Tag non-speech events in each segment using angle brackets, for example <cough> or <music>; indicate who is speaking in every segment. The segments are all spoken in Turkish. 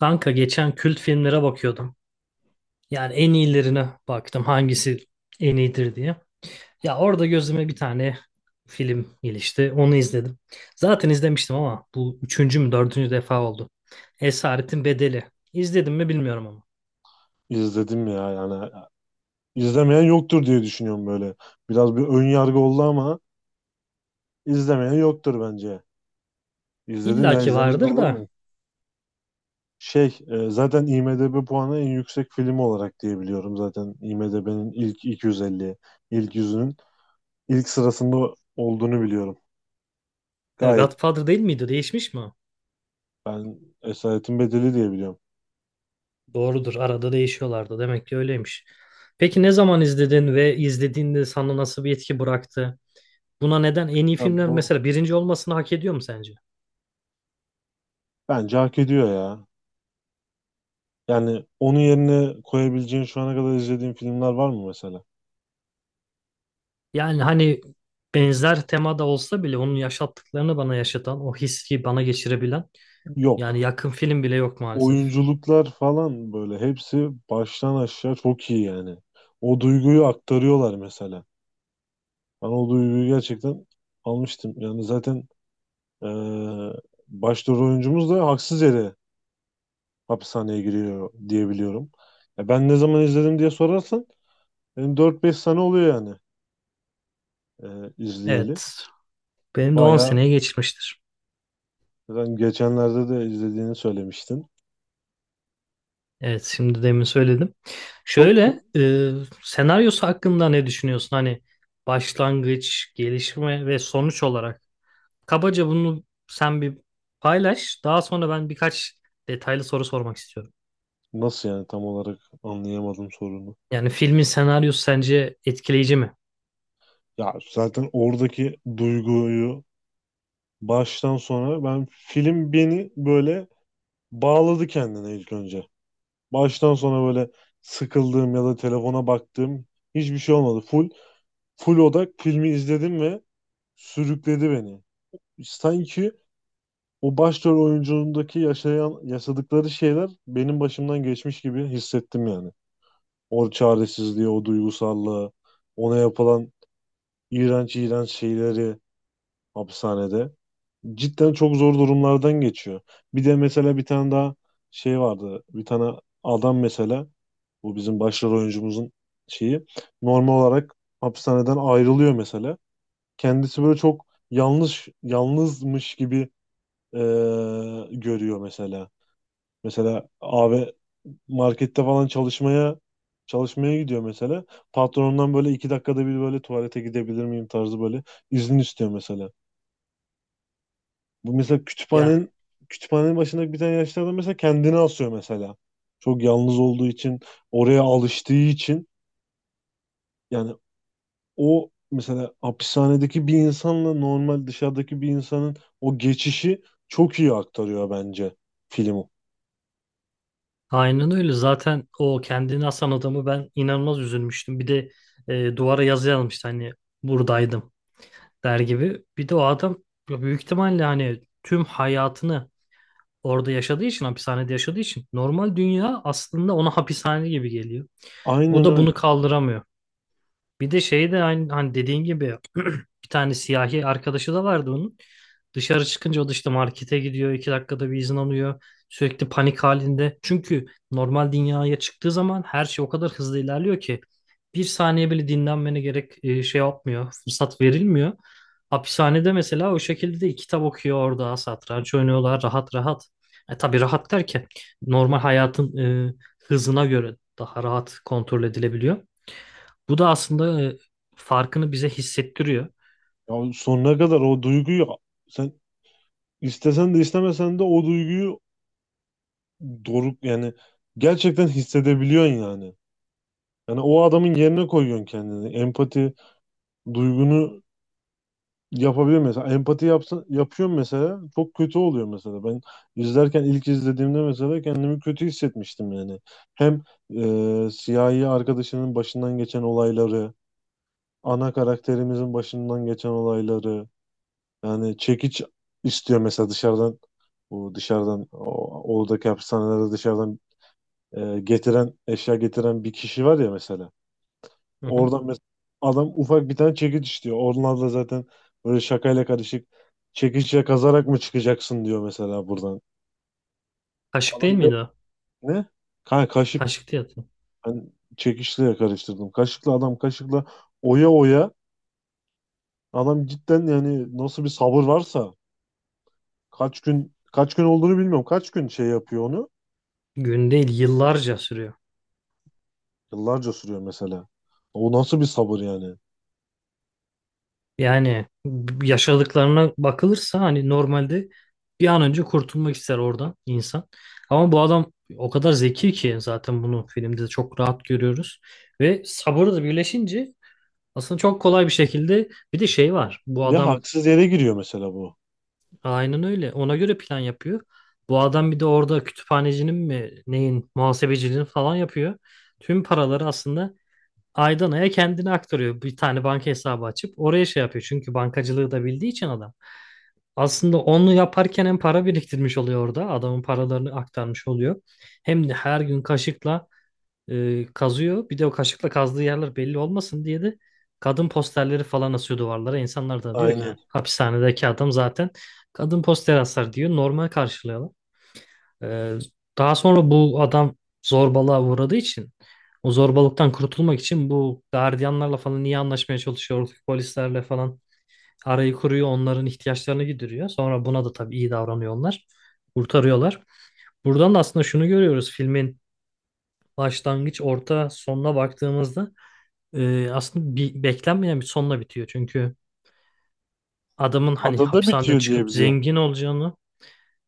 Speaker 1: Kanka geçen kült filmlere bakıyordum. Yani en iyilerine baktım hangisi en iyidir diye. Ya orada gözüme bir tane film ilişti. Onu izledim. Zaten izlemiştim ama bu üçüncü mü dördüncü defa oldu. Esaretin Bedeli. İzledim mi bilmiyorum ama.
Speaker 2: İzledim ya yani. İzlemeyen yoktur diye düşünüyorum böyle. Biraz bir ön yargı oldu ama izlemeyen yoktur bence. İzledim
Speaker 1: İlla
Speaker 2: ya
Speaker 1: ki
Speaker 2: izlemez
Speaker 1: vardır
Speaker 2: olur
Speaker 1: da.
Speaker 2: mu? Zaten IMDb puanı en yüksek film olarak diye biliyorum, zaten IMDb'nin ilk 250, ilk yüzünün ilk sırasında olduğunu biliyorum. Gayet.
Speaker 1: Godfather değil miydi? Değişmiş mi o?
Speaker 2: Ben Esaretin Bedeli diye biliyorum.
Speaker 1: Doğrudur. Arada değişiyorlardı. Demek ki öyleymiş. Peki ne zaman izledin ve izlediğinde sana nasıl bir etki bıraktı? Buna neden en iyi
Speaker 2: Ya
Speaker 1: filmler
Speaker 2: bu,
Speaker 1: mesela birinci olmasını hak ediyor mu sence?
Speaker 2: bence hak ediyor ya. Yani onun yerine koyabileceğin şu ana kadar izlediğin filmler var mı mesela?
Speaker 1: Yani hani benzer temada olsa bile onun yaşattıklarını bana yaşatan, o hissi bana geçirebilen yani
Speaker 2: Yok.
Speaker 1: yakın film bile yok maalesef.
Speaker 2: Oyunculuklar falan böyle hepsi baştan aşağı çok iyi yani. O duyguyu aktarıyorlar mesela. Ben o duyguyu gerçekten almıştım. Yani zaten eee başrol oyuncumuz da haksız yere hapishaneye giriyor diyebiliyorum. Ya ben ne zaman izledim diye sorarsan benim 4-5 sene oluyor yani, izleyeli.
Speaker 1: Evet. Benim de 10
Speaker 2: Bayağı,
Speaker 1: seneye geçmiştir.
Speaker 2: zaten geçenlerde de izlediğini söylemiştin.
Speaker 1: Evet şimdi demin söyledim.
Speaker 2: Çok.
Speaker 1: Şöyle senaryosu hakkında ne düşünüyorsun? Hani başlangıç, gelişme ve sonuç olarak. Kabaca bunu sen bir paylaş. Daha sonra ben birkaç detaylı soru sormak istiyorum.
Speaker 2: Nasıl yani, tam olarak anlayamadım sorunu.
Speaker 1: Yani filmin senaryosu sence etkileyici mi?
Speaker 2: Ya zaten oradaki duyguyu, baştan sona ben, film beni böyle bağladı kendine ilk önce. Baştan sona böyle sıkıldığım ya da telefona baktığım hiçbir şey olmadı. Full odak filmi izledim ve sürükledi beni. Sanki o başrol oyunculuğundaki yaşadıkları şeyler benim başımdan geçmiş gibi hissettim yani. O çaresizliği, o duygusallığı, ona yapılan iğrenç iğrenç şeyleri hapishanede. Cidden çok zor durumlardan geçiyor. Bir de mesela bir tane daha şey vardı. Bir tane adam mesela, bu bizim başrol oyuncumuzun şeyi, normal olarak hapishaneden ayrılıyor mesela. Kendisi böyle çok yanlış, yalnızmış gibi e, görüyor mesela. Mesela abi, markette falan çalışmaya gidiyor mesela. Patronundan böyle iki dakikada bir böyle tuvalete gidebilir miyim tarzı böyle izin istiyor mesela. Bu mesela,
Speaker 1: Yani
Speaker 2: kütüphanenin başındaki bir tane yaşlı adam mesela kendini asıyor mesela. Çok yalnız olduğu için, oraya alıştığı için yani, o mesela hapishanedeki bir insanla normal dışarıdaki bir insanın o geçişi çok iyi aktarıyor bence film.
Speaker 1: aynen öyle. Zaten o kendini asan adamı ben inanılmaz üzülmüştüm. Bir de duvara yazı yazmıştı hani buradaydım der gibi. Bir de o adam ya büyük ihtimalle hani tüm hayatını orada yaşadığı için, hapishanede yaşadığı için normal dünya aslında ona hapishane gibi geliyor. O
Speaker 2: Aynen
Speaker 1: da bunu
Speaker 2: öyle.
Speaker 1: kaldıramıyor. Bir de şey de aynı hani dediğin gibi bir tane siyahi arkadaşı da vardı onun. Dışarı çıkınca o da işte markete gidiyor. İki dakikada bir izin alıyor. Sürekli panik halinde. Çünkü normal dünyaya çıktığı zaman her şey o kadar hızlı ilerliyor ki bir saniye bile dinlenmene gerek şey yapmıyor. Fırsat verilmiyor. Hapishanede mesela o şekilde de kitap okuyor orada. Satranç oynuyorlar rahat rahat. E, tabii rahat derken normal hayatın hızına göre daha rahat kontrol edilebiliyor. Bu da aslında farkını bize hissettiriyor.
Speaker 2: Ya sonuna kadar o duyguyu, sen istesen de istemesen de o duyguyu, doruk yani, gerçekten hissedebiliyorsun yani. Yani o adamın yerine koyuyorsun kendini. Empati duygunu yapabiliyor mesela. Empati yapsın, yapıyorum mesela. Çok kötü oluyor mesela. Ben izlerken, ilk izlediğimde mesela kendimi kötü hissetmiştim yani. Hem siyahi arkadaşının başından geçen olayları, ana karakterimizin başından geçen olayları. Yani çekiç istiyor mesela dışarıdan. Bu dışarıdan o, oradaki hapishanelerde dışarıdan eşya getiren bir kişi var ya mesela.
Speaker 1: Hı hı.
Speaker 2: Oradan mesela adam ufak bir tane çekiç istiyor. Onlar da zaten böyle şakayla karışık, çekiçle kazarak mı çıkacaksın diyor mesela buradan.
Speaker 1: Kaşık değil
Speaker 2: Adam diyor,
Speaker 1: miydi o?
Speaker 2: ne? Kaşık,
Speaker 1: Kaşıktı ya.
Speaker 2: ben çekiçle karıştırdım. Kaşıkla, adam kaşıkla oya oya, adam cidden yani, nasıl bir sabır varsa, kaç gün kaç gün olduğunu bilmiyorum. Kaç gün şey yapıyor onu?
Speaker 1: Gün değil yıllarca sürüyor.
Speaker 2: Yıllarca sürüyor mesela. O nasıl bir sabır yani?
Speaker 1: Yani yaşadıklarına bakılırsa hani normalde bir an önce kurtulmak ister oradan insan. Ama bu adam o kadar zeki ki zaten bunu filmde de çok rahat görüyoruz. Ve sabırı da birleşince aslında çok kolay bir şekilde bir de şey
Speaker 2: Ne?
Speaker 1: var. Bu
Speaker 2: Ve
Speaker 1: adam
Speaker 2: haksız yere giriyor mesela bu.
Speaker 1: aynen öyle ona göre plan yapıyor. Bu adam bir de orada kütüphanecinin mi neyin muhasebeciliğini falan yapıyor. Tüm paraları aslında aydan aya kendini aktarıyor. Bir tane banka hesabı açıp oraya şey yapıyor. Çünkü bankacılığı da bildiği için adam. Aslında onu yaparken hem para biriktirmiş oluyor orada. Adamın paralarını aktarmış oluyor. Hem de her gün kaşıkla kazıyor. Bir de o kaşıkla kazdığı yerler belli olmasın diye de kadın posterleri falan asıyor duvarlara. İnsanlar da diyor ki yani,
Speaker 2: Aynen.
Speaker 1: hapishanedeki adam zaten kadın posteri asar diyor. Normal karşılıyorlar. Ee, Daha sonra bu adam zorbalığa uğradığı için o zorbalıktan kurtulmak için bu gardiyanlarla falan iyi anlaşmaya çalışıyor. Oradaki polislerle falan arayı kuruyor. Onların ihtiyaçlarını gideriyor. Sonra buna da tabii iyi davranıyor onlar. Kurtarıyorlar. Buradan da aslında şunu görüyoruz filmin başlangıç, orta, sonuna baktığımızda aslında bir, beklenmeyen bir sonla bitiyor. Çünkü adamın hani
Speaker 2: Adada
Speaker 1: hapishaneden
Speaker 2: bitiyor diye
Speaker 1: çıkıp
Speaker 2: biliyorum.
Speaker 1: zengin olacağını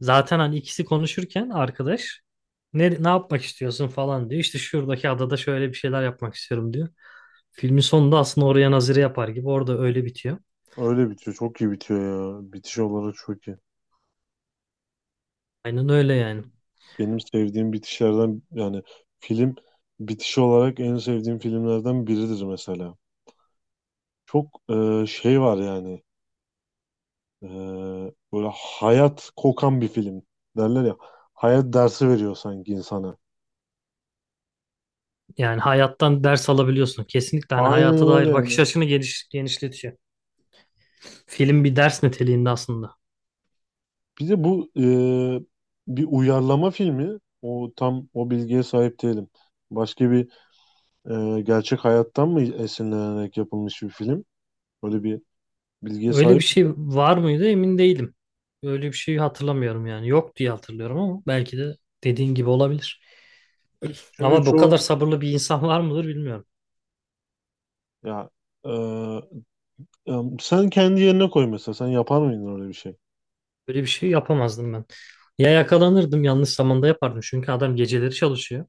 Speaker 1: zaten hani ikisi konuşurken arkadaş ne, ne yapmak istiyorsun falan diyor. İşte şuradaki adada şöyle bir şeyler yapmak istiyorum diyor. Filmin sonunda aslında oraya nazire yapar gibi orada öyle bitiyor.
Speaker 2: Öyle bitiyor. Çok iyi bitiyor ya. Bitiş olarak çok iyi.
Speaker 1: Aynen öyle yani.
Speaker 2: Benim sevdiğim bitişlerden yani, film bitiş olarak en sevdiğim filmlerden biridir mesela. Çok şey var yani. E, böyle hayat kokan bir film derler ya. Hayat dersi veriyor sanki insana.
Speaker 1: Yani hayattan ders alabiliyorsun. Kesinlikle hani hayata
Speaker 2: Aynen öyle
Speaker 1: dair bakış
Speaker 2: yani.
Speaker 1: açını geniş, genişletiyor. Film bir ders niteliğinde aslında.
Speaker 2: Bir de bu bir uyarlama filmi. O tam o bilgiye sahip değilim. Başka bir gerçek hayattan mı esinlenerek yapılmış bir film? Böyle bir bilgiye
Speaker 1: Öyle bir
Speaker 2: sahip.
Speaker 1: şey var mıydı emin değilim. Öyle bir şeyi hatırlamıyorum yani. Yok diye hatırlıyorum ama belki de dediğin gibi olabilir.
Speaker 2: Çünkü
Speaker 1: Ama bu kadar
Speaker 2: çoğu.
Speaker 1: sabırlı bir insan var mıdır bilmiyorum.
Speaker 2: Ya, e, e, sen kendi yerine koy mesela. Sen yapar mıydın öyle bir şey?
Speaker 1: Böyle bir şey yapamazdım ben. Ya yakalanırdım yanlış zamanda yapardım. Çünkü adam geceleri çalışıyor.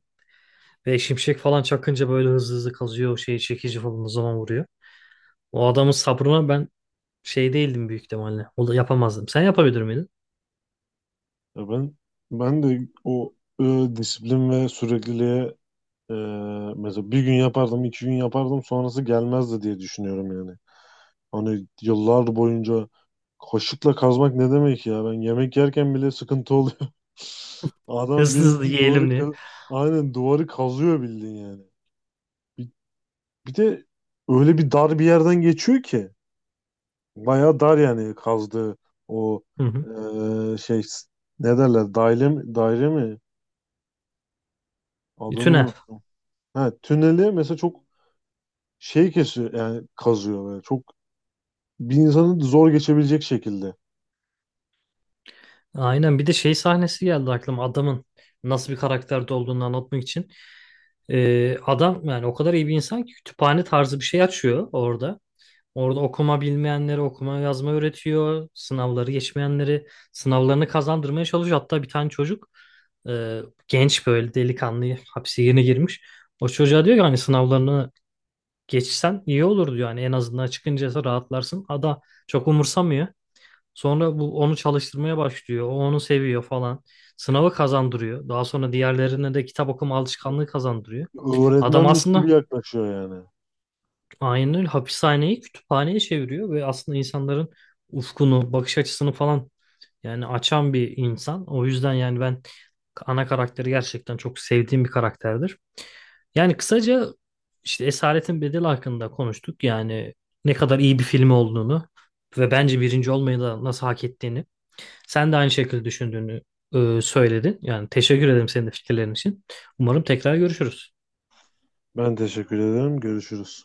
Speaker 1: Ve şimşek falan çakınca böyle hızlı hızlı kazıyor. O şeyi çekici falan o zaman vuruyor. O adamın sabrına ben şey değildim büyük ihtimalle. O da yapamazdım. Sen yapabilir miydin?
Speaker 2: Ya ben de o e, disiplin ve sürekliliğe e, mesela bir gün yapardım, iki gün yapardım, sonrası gelmezdi diye düşünüyorum yani. Hani yıllar boyunca, kaşıkla kazmak ne demek ya? Ben yemek yerken bile sıkıntı oluyor. <laughs> Adam
Speaker 1: Hızlı hızlı
Speaker 2: bildiğin duvarı
Speaker 1: yiyelim diye.
Speaker 2: aynen duvarı kazıyor bildiğin yani. Bir, bir de öyle bir dar bir yerden geçiyor ki. Bayağı dar yani kazdığı o
Speaker 1: Hı hı.
Speaker 2: eee, şey ne derler, daire mi, daire mi?
Speaker 1: Tünel.
Speaker 2: Adını. Ha, tüneli mesela çok şey kesiyor yani, kazıyor böyle. Çok, bir insanın zor geçebilecek şekilde.
Speaker 1: Aynen bir de şey sahnesi geldi aklıma. Adamın nasıl bir karakterde olduğunu anlatmak için. Adam yani o kadar iyi bir insan ki kütüphane tarzı bir şey açıyor orada. Orada okuma bilmeyenleri okuma yazma öğretiyor. Sınavları geçmeyenleri sınavlarını kazandırmaya çalışıyor. Hatta bir tane çocuk e, genç böyle delikanlı hapse yeni girmiş. O çocuğa diyor ki hani sınavlarını geçsen iyi olur diyor. Hani en azından çıkınca rahatlarsın. Ada çok umursamıyor. Sonra bu onu çalıştırmaya başlıyor. O onu seviyor falan. Sınavı kazandırıyor. Daha sonra diğerlerine de kitap okuma alışkanlığı kazandırıyor. Adam
Speaker 2: Öğretmenmiş gibi
Speaker 1: aslında
Speaker 2: yaklaşıyor yani.
Speaker 1: aynen öyle. Hapishaneyi kütüphaneye çeviriyor ve aslında insanların ufkunu, bakış açısını falan yani açan bir insan. O yüzden yani ben ana karakteri gerçekten çok sevdiğim bir karakterdir. Yani kısaca işte Esaretin Bedeli hakkında konuştuk. Yani ne kadar iyi bir film olduğunu ve bence birinci olmayı da nasıl hak ettiğini. Sen de aynı şekilde düşündüğünü söyledin. Yani teşekkür ederim senin de fikirlerin için. Umarım tekrar görüşürüz.
Speaker 2: Ben teşekkür ederim. Görüşürüz.